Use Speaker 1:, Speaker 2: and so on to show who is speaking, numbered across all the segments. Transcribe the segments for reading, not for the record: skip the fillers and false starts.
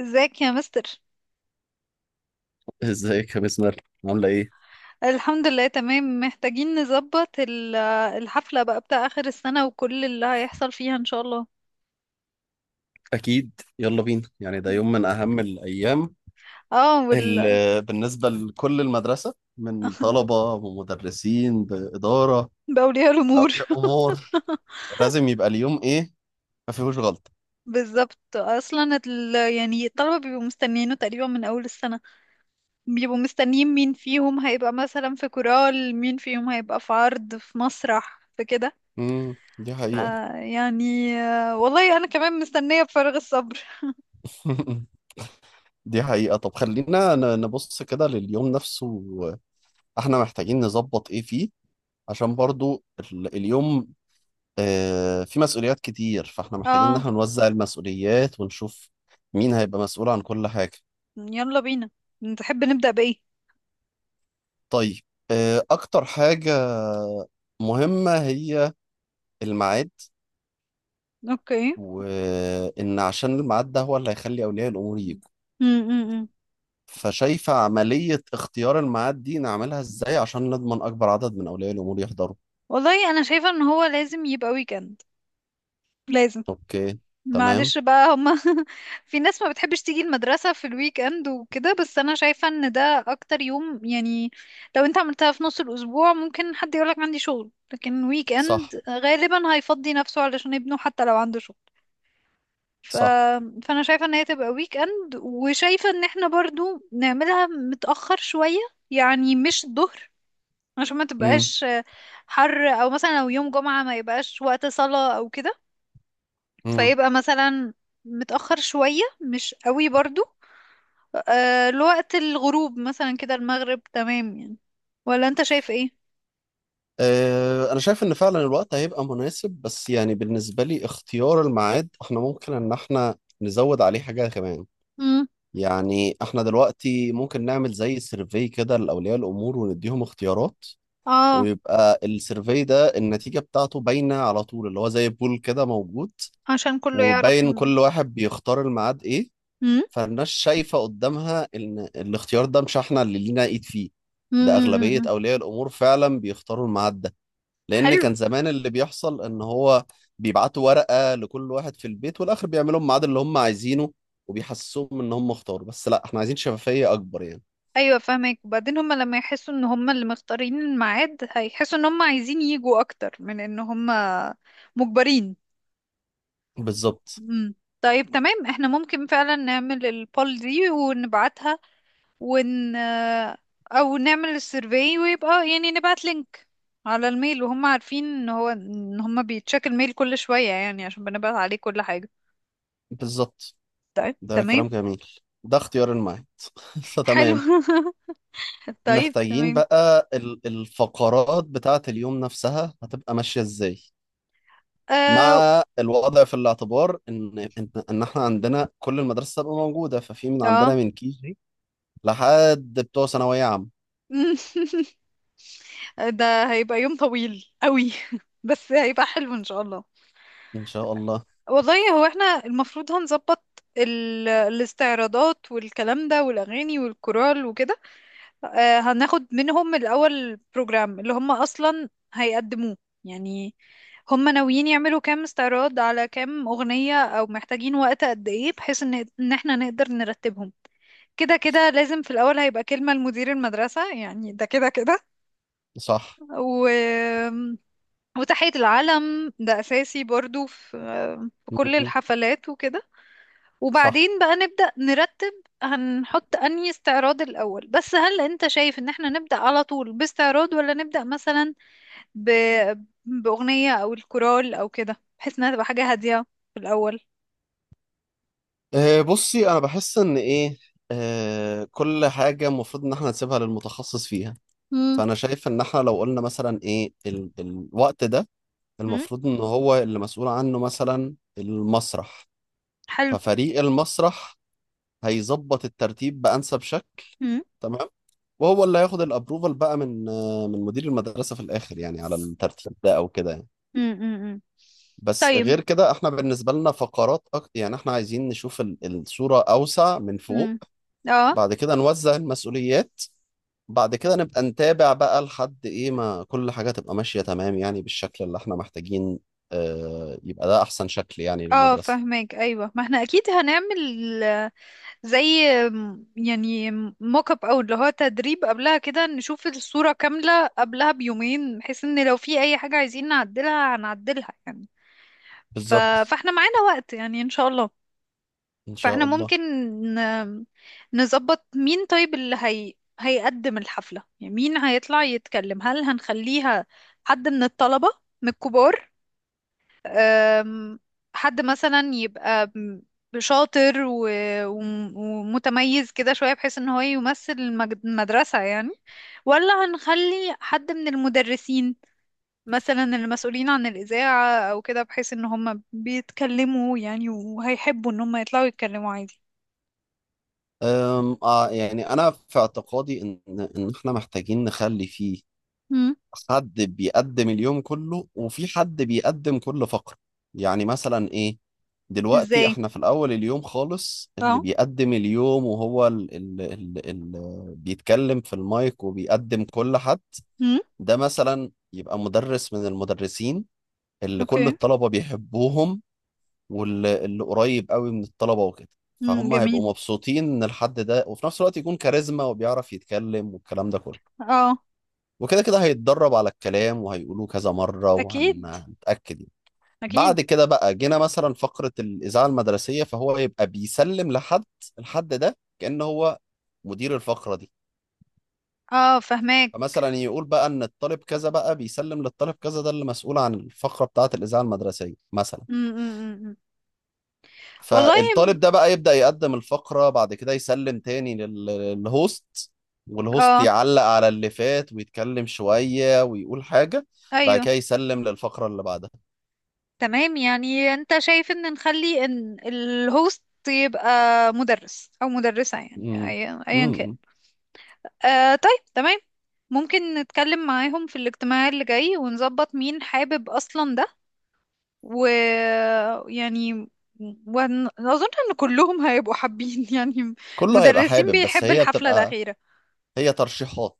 Speaker 1: ازيك يا مستر؟
Speaker 2: ازيك يا بسمة، عاملة ايه؟
Speaker 1: الحمد لله تمام. محتاجين نظبط الحفلة بقى بتاع آخر السنة وكل اللي هيحصل فيها ان شاء الله.
Speaker 2: أكيد. يلا بينا، يعني ده يوم من أهم الأيام
Speaker 1: اه.
Speaker 2: اللي بالنسبة لكل المدرسة من طلبة ومدرسين بإدارة
Speaker 1: بأولياء الأمور.
Speaker 2: بأولياء أمور. لازم يبقى اليوم ايه؟ ما فيهوش غلطة.
Speaker 1: بالظبط. اصلا يعني الطلبة بيبقوا مستنيينه تقريبا من اول السنة. بيبقوا مستنيين مين فيهم هيبقى مثلا في كورال، مين فيهم هيبقى في عرض، في مسرح، في كده.
Speaker 2: دي
Speaker 1: ف
Speaker 2: حقيقة.
Speaker 1: يعني والله انا كمان مستنية بفارغ الصبر.
Speaker 2: دي حقيقة. طب خلينا نبص كده لليوم نفسه. احنا محتاجين نظبط ايه فيه، عشان برضو اليوم في مسؤوليات كتير، فاحنا محتاجين ان
Speaker 1: اه.
Speaker 2: احنا نوزع المسؤوليات ونشوف مين هيبقى مسؤول عن كل حاجة.
Speaker 1: يلا بينا، تحب نبدأ بإيه؟
Speaker 2: طيب، اكتر حاجة مهمة هي الميعاد،
Speaker 1: اوكي.
Speaker 2: وان عشان الميعاد ده هو اللي هيخلي اولياء الامور يجوا.
Speaker 1: م -م -م.
Speaker 2: فشايفة عملية اختيار الميعاد دي نعملها ازاي عشان نضمن اكبر عدد من اولياء الامور يحضروا؟
Speaker 1: والله انا شايفه ان هو لازم يبقى ويكند. لازم.
Speaker 2: اوكي. تمام.
Speaker 1: معلش بقى هما. في ناس ما بتحبش تيجي المدرسه في الويك اند وكده، بس انا شايفه ان ده اكتر يوم يعني. لو انت عملتها في نص الاسبوع ممكن حد يقولك عندي شغل، لكن ويك
Speaker 2: صح.
Speaker 1: اند غالبا هيفضي نفسه علشان ابنه حتى لو عنده شغل. ف...
Speaker 2: صح.
Speaker 1: فانا شايفه ان هي تبقى ويك اند، وشايفه ان احنا برضو نعملها متاخر شويه. يعني مش الظهر، عشان ما تبقاش حر، او مثلا لو يوم جمعة ما يبقاش وقت صلاة او كده.
Speaker 2: امم
Speaker 1: فيبقى مثلا متأخر شوية، مش قوي برضو، لوقت الغروب مثلا، كده المغرب تمام يعني. ولا انت شايف ايه؟
Speaker 2: انا شايف ان فعلا الوقت هيبقى مناسب، بس يعني بالنسبه لي اختيار الميعاد احنا ممكن ان احنا نزود عليه حاجه كمان.
Speaker 1: امم.
Speaker 2: يعني احنا دلوقتي ممكن نعمل زي سيرفي كده لاولياء الامور، ونديهم اختيارات،
Speaker 1: اه.
Speaker 2: ويبقى السيرفي ده النتيجه بتاعته باينه على طول، اللي هو زي بول كده موجود،
Speaker 1: عشان كله يعرف
Speaker 2: وباين كل واحد بيختار الميعاد ايه.
Speaker 1: امم.
Speaker 2: فالناس شايفه قدامها ان الاختيار ده مش احنا اللي لينا ايد فيه، ده اغلبيه
Speaker 1: امم.
Speaker 2: اولياء الامور فعلا بيختاروا الميعاد ده. لان
Speaker 1: حلو.
Speaker 2: كان زمان اللي بيحصل ان هو بيبعتوا ورقه لكل واحد في البيت، والاخر بيعملوا الميعاد اللي هم عايزينه، وبيحسسوهم ان هم اختاروا، بس لا، احنا عايزين شفافيه اكبر يعني.
Speaker 1: ايوه فاهمك. وبعدين هما لما يحسوا ان هما اللي مختارين الميعاد، هيحسوا ان هما عايزين يجوا اكتر من ان هما مجبرين.
Speaker 2: بالظبط.
Speaker 1: مم. طيب تمام. احنا ممكن فعلا نعمل البول دي ونبعتها، ون او نعمل السيرفي، ويبقى يعني نبعت لينك على الميل. وهم عارفين ان هم بيتشيك الميل كل شوية يعني عشان بنبعت عليه كل حاجة.
Speaker 2: بالظبط.
Speaker 1: طيب
Speaker 2: ده
Speaker 1: تمام.
Speaker 2: كلام جميل. ده اختيار المعين.
Speaker 1: حلو.
Speaker 2: فتمام.
Speaker 1: طيب
Speaker 2: محتاجين
Speaker 1: تمام.
Speaker 2: بقى الفقرات بتاعة اليوم نفسها هتبقى ماشية ازاي،
Speaker 1: اه،
Speaker 2: مع الوضع في الاعتبار ان ان إن احنا عندنا كل المدارس تبقى موجودة، ففي من عندنا
Speaker 1: اه.
Speaker 2: من كي جي لحد بتوع ثانوية عامة.
Speaker 1: ده هيبقى يوم طويل قوي. بس هيبقى حلو ان شاء الله.
Speaker 2: ان شاء الله.
Speaker 1: والله هو احنا المفروض هنظبط الاستعراضات والكلام ده والاغاني والكورال وكده. هناخد منهم الاول بروجرام اللي هم اصلا هيقدموه يعني. هم ناويين يعملوا كام استعراض، على كام اغنية، او محتاجين وقت قد ايه، بحيث ان احنا نقدر نرتبهم. كده كده لازم في الأول هيبقى كلمة لمدير المدرسة يعني، ده كده كده.
Speaker 2: صح.
Speaker 1: و... وتحية العلم ده أساسي برضو في كل
Speaker 2: مم.
Speaker 1: الحفلات وكده.
Speaker 2: صح.
Speaker 1: وبعدين بقى نبدأ نرتب. هنحط أنهي استعراض الأول؟ بس هل أنت شايف إن احنا نبدأ على طول باستعراض، ولا نبدأ مثلا ب... بأغنية أو الكورال أو كده، بحيث إنها تبقى حاجة هادية في الأول؟
Speaker 2: أه بصي، انا بحس ان ايه. أه كل حاجه المفروض ان احنا نسيبها للمتخصص فيها.
Speaker 1: مم.
Speaker 2: فانا شايف ان احنا لو قلنا مثلا ايه ال الوقت ده،
Speaker 1: مم.
Speaker 2: المفروض ان هو اللي مسؤول عنه مثلا المسرح،
Speaker 1: حلو.
Speaker 2: ففريق المسرح هيظبط الترتيب بانسب شكل.
Speaker 1: مم.
Speaker 2: تمام. وهو اللي هياخد الابروفال بقى من من مدير المدرسه في الاخر يعني، على الترتيب ده او كده يعني.
Speaker 1: مم. مم. مم.
Speaker 2: بس
Speaker 1: طيب.
Speaker 2: غير كده احنا بالنسبة لنا فقرات أكتر، يعني احنا عايزين نشوف الصورة أوسع من فوق.
Speaker 1: مم. اه،
Speaker 2: بعد كده نوزع المسؤوليات. بعد كده نبقى نتابع بقى لحد ايه ما كل حاجة تبقى ماشية تمام، يعني بالشكل اللي احنا محتاجين. اه، يبقى ده أحسن شكل يعني
Speaker 1: اه،
Speaker 2: للمدرسة.
Speaker 1: فهمك. ايوه، ما احنا اكيد هنعمل زي يعني موك اب، او اللي هو تدريب قبلها كده، نشوف الصورة كاملة قبلها بيومين، بحيث ان لو في اي حاجة عايزين نعدلها هنعدلها يعني. ف...
Speaker 2: بالظبط.
Speaker 1: فاحنا معانا وقت يعني ان شاء الله.
Speaker 2: إن
Speaker 1: فاحنا
Speaker 2: شاء الله.
Speaker 1: ممكن ن... نظبط مين طيب اللي هيقدم الحفلة، يعني مين هيطلع يتكلم. هل هنخليها حد من الطلبة، من الكبار، أم، حد مثلا يبقى شاطر ومتميز كده شوية، بحيث ان هو يمثل المدرسة يعني. ولا هنخلي حد من المدرسين، مثلا المسؤولين عن الإذاعة او كده، بحيث ان هم بيتكلموا يعني وهيحبوا ان هم يطلعوا يتكلموا عادي؟
Speaker 2: يعني أنا في اعتقادي إن احنا محتاجين نخلي فيه
Speaker 1: مم.
Speaker 2: حد بيقدم اليوم كله، وفي حد بيقدم كل فقرة. يعني مثلا ايه، دلوقتي
Speaker 1: ازاي؟
Speaker 2: احنا في الاول اليوم خالص اللي
Speaker 1: اه.
Speaker 2: بيقدم اليوم، وهو اللي بيتكلم في المايك وبيقدم كل حد.
Speaker 1: مم.
Speaker 2: ده مثلا يبقى مدرس من المدرسين اللي كل
Speaker 1: اوكي.
Speaker 2: الطلبة بيحبوهم، واللي اللي قريب قوي من الطلبة وكده.
Speaker 1: مم.
Speaker 2: فهم هيبقوا
Speaker 1: جميل.
Speaker 2: مبسوطين ان الحد ده، وفي نفس الوقت يكون كاريزما وبيعرف يتكلم والكلام ده كله.
Speaker 1: اه.
Speaker 2: وكده كده هيتدرب على الكلام وهيقولوه كذا مرة
Speaker 1: اكيد،
Speaker 2: وهنتأكد يعني.
Speaker 1: اكيد.
Speaker 2: بعد كده بقى جينا مثلا فقرة الإذاعة المدرسية، فهو يبقى بيسلم لحد. الحد ده كأن هو مدير الفقرة دي.
Speaker 1: اه، فهماك.
Speaker 2: فمثلا يقول بقى إن الطالب كذا بقى بيسلم للطالب كذا، ده اللي مسؤول عن الفقرة بتاعة الإذاعة المدرسية مثلا.
Speaker 1: مم. مم. مم. مم. والله
Speaker 2: فالطالب ده بقى يبدأ يقدم الفقرة، بعد كده يسلم تاني للهوست. والهوست
Speaker 1: اه،
Speaker 2: يعلق على اللي فات ويتكلم شوية ويقول حاجة. بعد
Speaker 1: ايوه
Speaker 2: كده يسلم للفقرة اللي بعدها.
Speaker 1: تمام. يعني انت شايف ان نخلي ان الهوست يبقى مدرس او مدرسة يعني
Speaker 2: امم
Speaker 1: أيا كان.
Speaker 2: امم
Speaker 1: طيب تمام، ممكن نتكلم معاهم في الاجتماع اللي جاي ونظبط مين حابب اصلا ده، ويعني واظن ان كلهم هيبقوا حابين. يعني
Speaker 2: كله هيبقى
Speaker 1: مدرسين
Speaker 2: حابب، بس
Speaker 1: بيحب
Speaker 2: هي
Speaker 1: الحفلة
Speaker 2: بتبقى،
Speaker 1: الأخيرة.
Speaker 2: هي ترشيحات.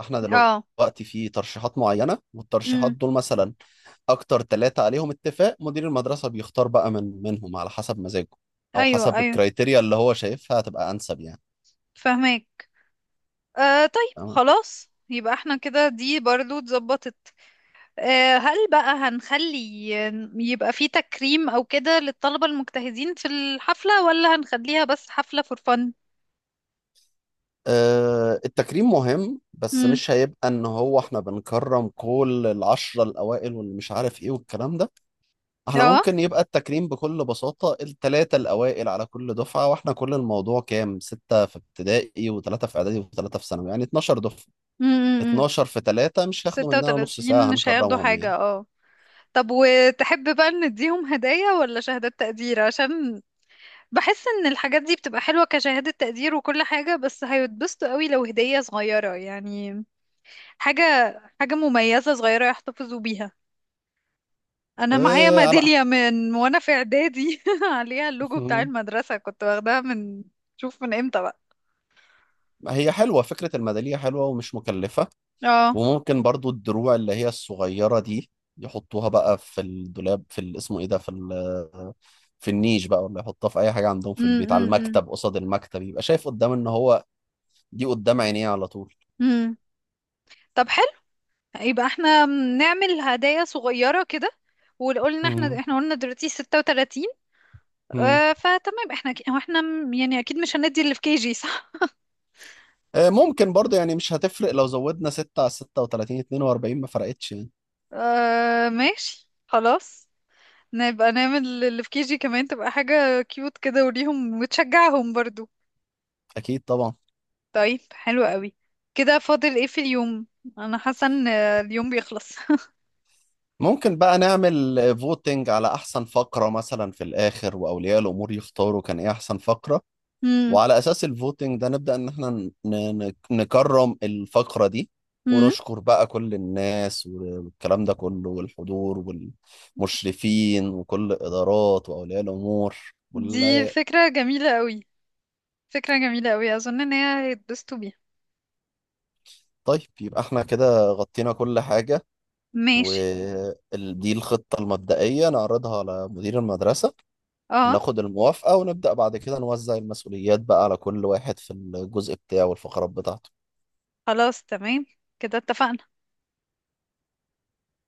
Speaker 2: احنا
Speaker 1: اه.
Speaker 2: دلوقتي في ترشيحات معينة، والترشيحات
Speaker 1: امم.
Speaker 2: دول مثلا اكتر 3 عليهم اتفاق، مدير المدرسة بيختار بقى من منهم على حسب مزاجه، او
Speaker 1: ايوه،
Speaker 2: حسب
Speaker 1: ايوه،
Speaker 2: الكرايتيريا اللي هو شايفها هتبقى انسب يعني.
Speaker 1: فهمك. طيب
Speaker 2: تمام.
Speaker 1: خلاص، يبقى احنا كده دي برضو اتظبطت. هل بقى هنخلي يبقى في تكريم أو كده للطلبة المجتهدين في الحفلة، ولا هنخليها بس حفلة فور فن؟
Speaker 2: أه التكريم مهم، بس
Speaker 1: امم.
Speaker 2: مش هيبقى ان هو احنا بنكرم كل العشرة الاوائل واللي مش عارف ايه والكلام ده. احنا
Speaker 1: اه.
Speaker 2: ممكن يبقى التكريم بكل بساطة التلاتة الأوائل على كل دفعة، واحنا كل الموضوع كام؟ 6 في ابتدائي وتلاتة في إعدادي وتلاتة في ثانوي، يعني 12 دفعة.
Speaker 1: امم.
Speaker 2: 12 في تلاتة مش هياخدوا
Speaker 1: ستة
Speaker 2: مننا نص
Speaker 1: وتلاتين
Speaker 2: ساعة،
Speaker 1: مش هياخدوا
Speaker 2: هنكرمهم يعني.
Speaker 1: حاجة. اه. طب وتحب بقى نديهم هدايا ولا شهادات تقدير؟ عشان بحس ان الحاجات دي بتبقى حلوة كشهادة تقدير وكل حاجة، بس هيتبسطوا قوي لو هدية صغيرة يعني. حاجة حاجة مميزة صغيرة يحتفظوا بيها. انا معايا
Speaker 2: إيه على.
Speaker 1: ميداليه من وانا في اعدادي، عليها اللوجو بتاع
Speaker 2: مم.
Speaker 1: المدرسه. كنت واخداها من، شوف من امتى بقى.
Speaker 2: هي حلوة، فكرة الميدالية حلوة ومش مكلفة.
Speaker 1: اه.
Speaker 2: وممكن برضو الدروع اللي هي الصغيرة دي، يحطوها بقى في الدولاب، في اسمه ايه ده، في في النيش بقى، ولا يحطها في اي حاجه عندهم في البيت على
Speaker 1: امم.
Speaker 2: المكتب قصاد المكتب، يبقى شايف قدام ان هو دي قدام عينيه على طول.
Speaker 1: امم. طب حلو. يبقى احنا نعمل هدايا صغيره كده. وقلنا،
Speaker 2: مم.
Speaker 1: احنا قلنا دلوقتي 36.
Speaker 2: مم.
Speaker 1: فتمام. احنا هو احنا يعني اكيد مش هندي اللي في كي جي، صح؟
Speaker 2: ممكن برضه، يعني مش هتفرق لو زودنا 6 على 36، 42 ما فرقتش يعني.
Speaker 1: آه، ماشي. خلاص نبقى نعمل اللي في كي جي كمان، تبقى حاجه كيوت كده وليهم وتشجعهم برضو.
Speaker 2: اكيد طبعا.
Speaker 1: طيب حلو قوي. كده فاضل ايه في اليوم؟ انا حاسه ان اليوم بيخلص.
Speaker 2: ممكن بقى نعمل فوتنج على احسن فقرة مثلا في الاخر، واولياء الامور يختاروا كان ايه احسن فقرة.
Speaker 1: امم.
Speaker 2: وعلى اساس الفوتنج ده نبدأ ان احنا نكرم الفقرة دي،
Speaker 1: امم.
Speaker 2: ونشكر بقى كل الناس والكلام ده كله، والحضور والمشرفين وكل الادارات واولياء الامور،
Speaker 1: دي
Speaker 2: وال-
Speaker 1: فكره جميله قوي، فكره جميله قوي. اظن ان هي هيتبسطوا بيها.
Speaker 2: طيب يبقى احنا كده غطينا كل حاجة.
Speaker 1: ماشي.
Speaker 2: ودي الخطة المبدئية، نعرضها على مدير المدرسة
Speaker 1: اه
Speaker 2: وناخد الموافقة، ونبدأ بعد كده نوزع المسؤوليات بقى على كل واحد في الجزء بتاعه والفقرات بتاعته.
Speaker 1: خلاص تمام كده اتفقنا.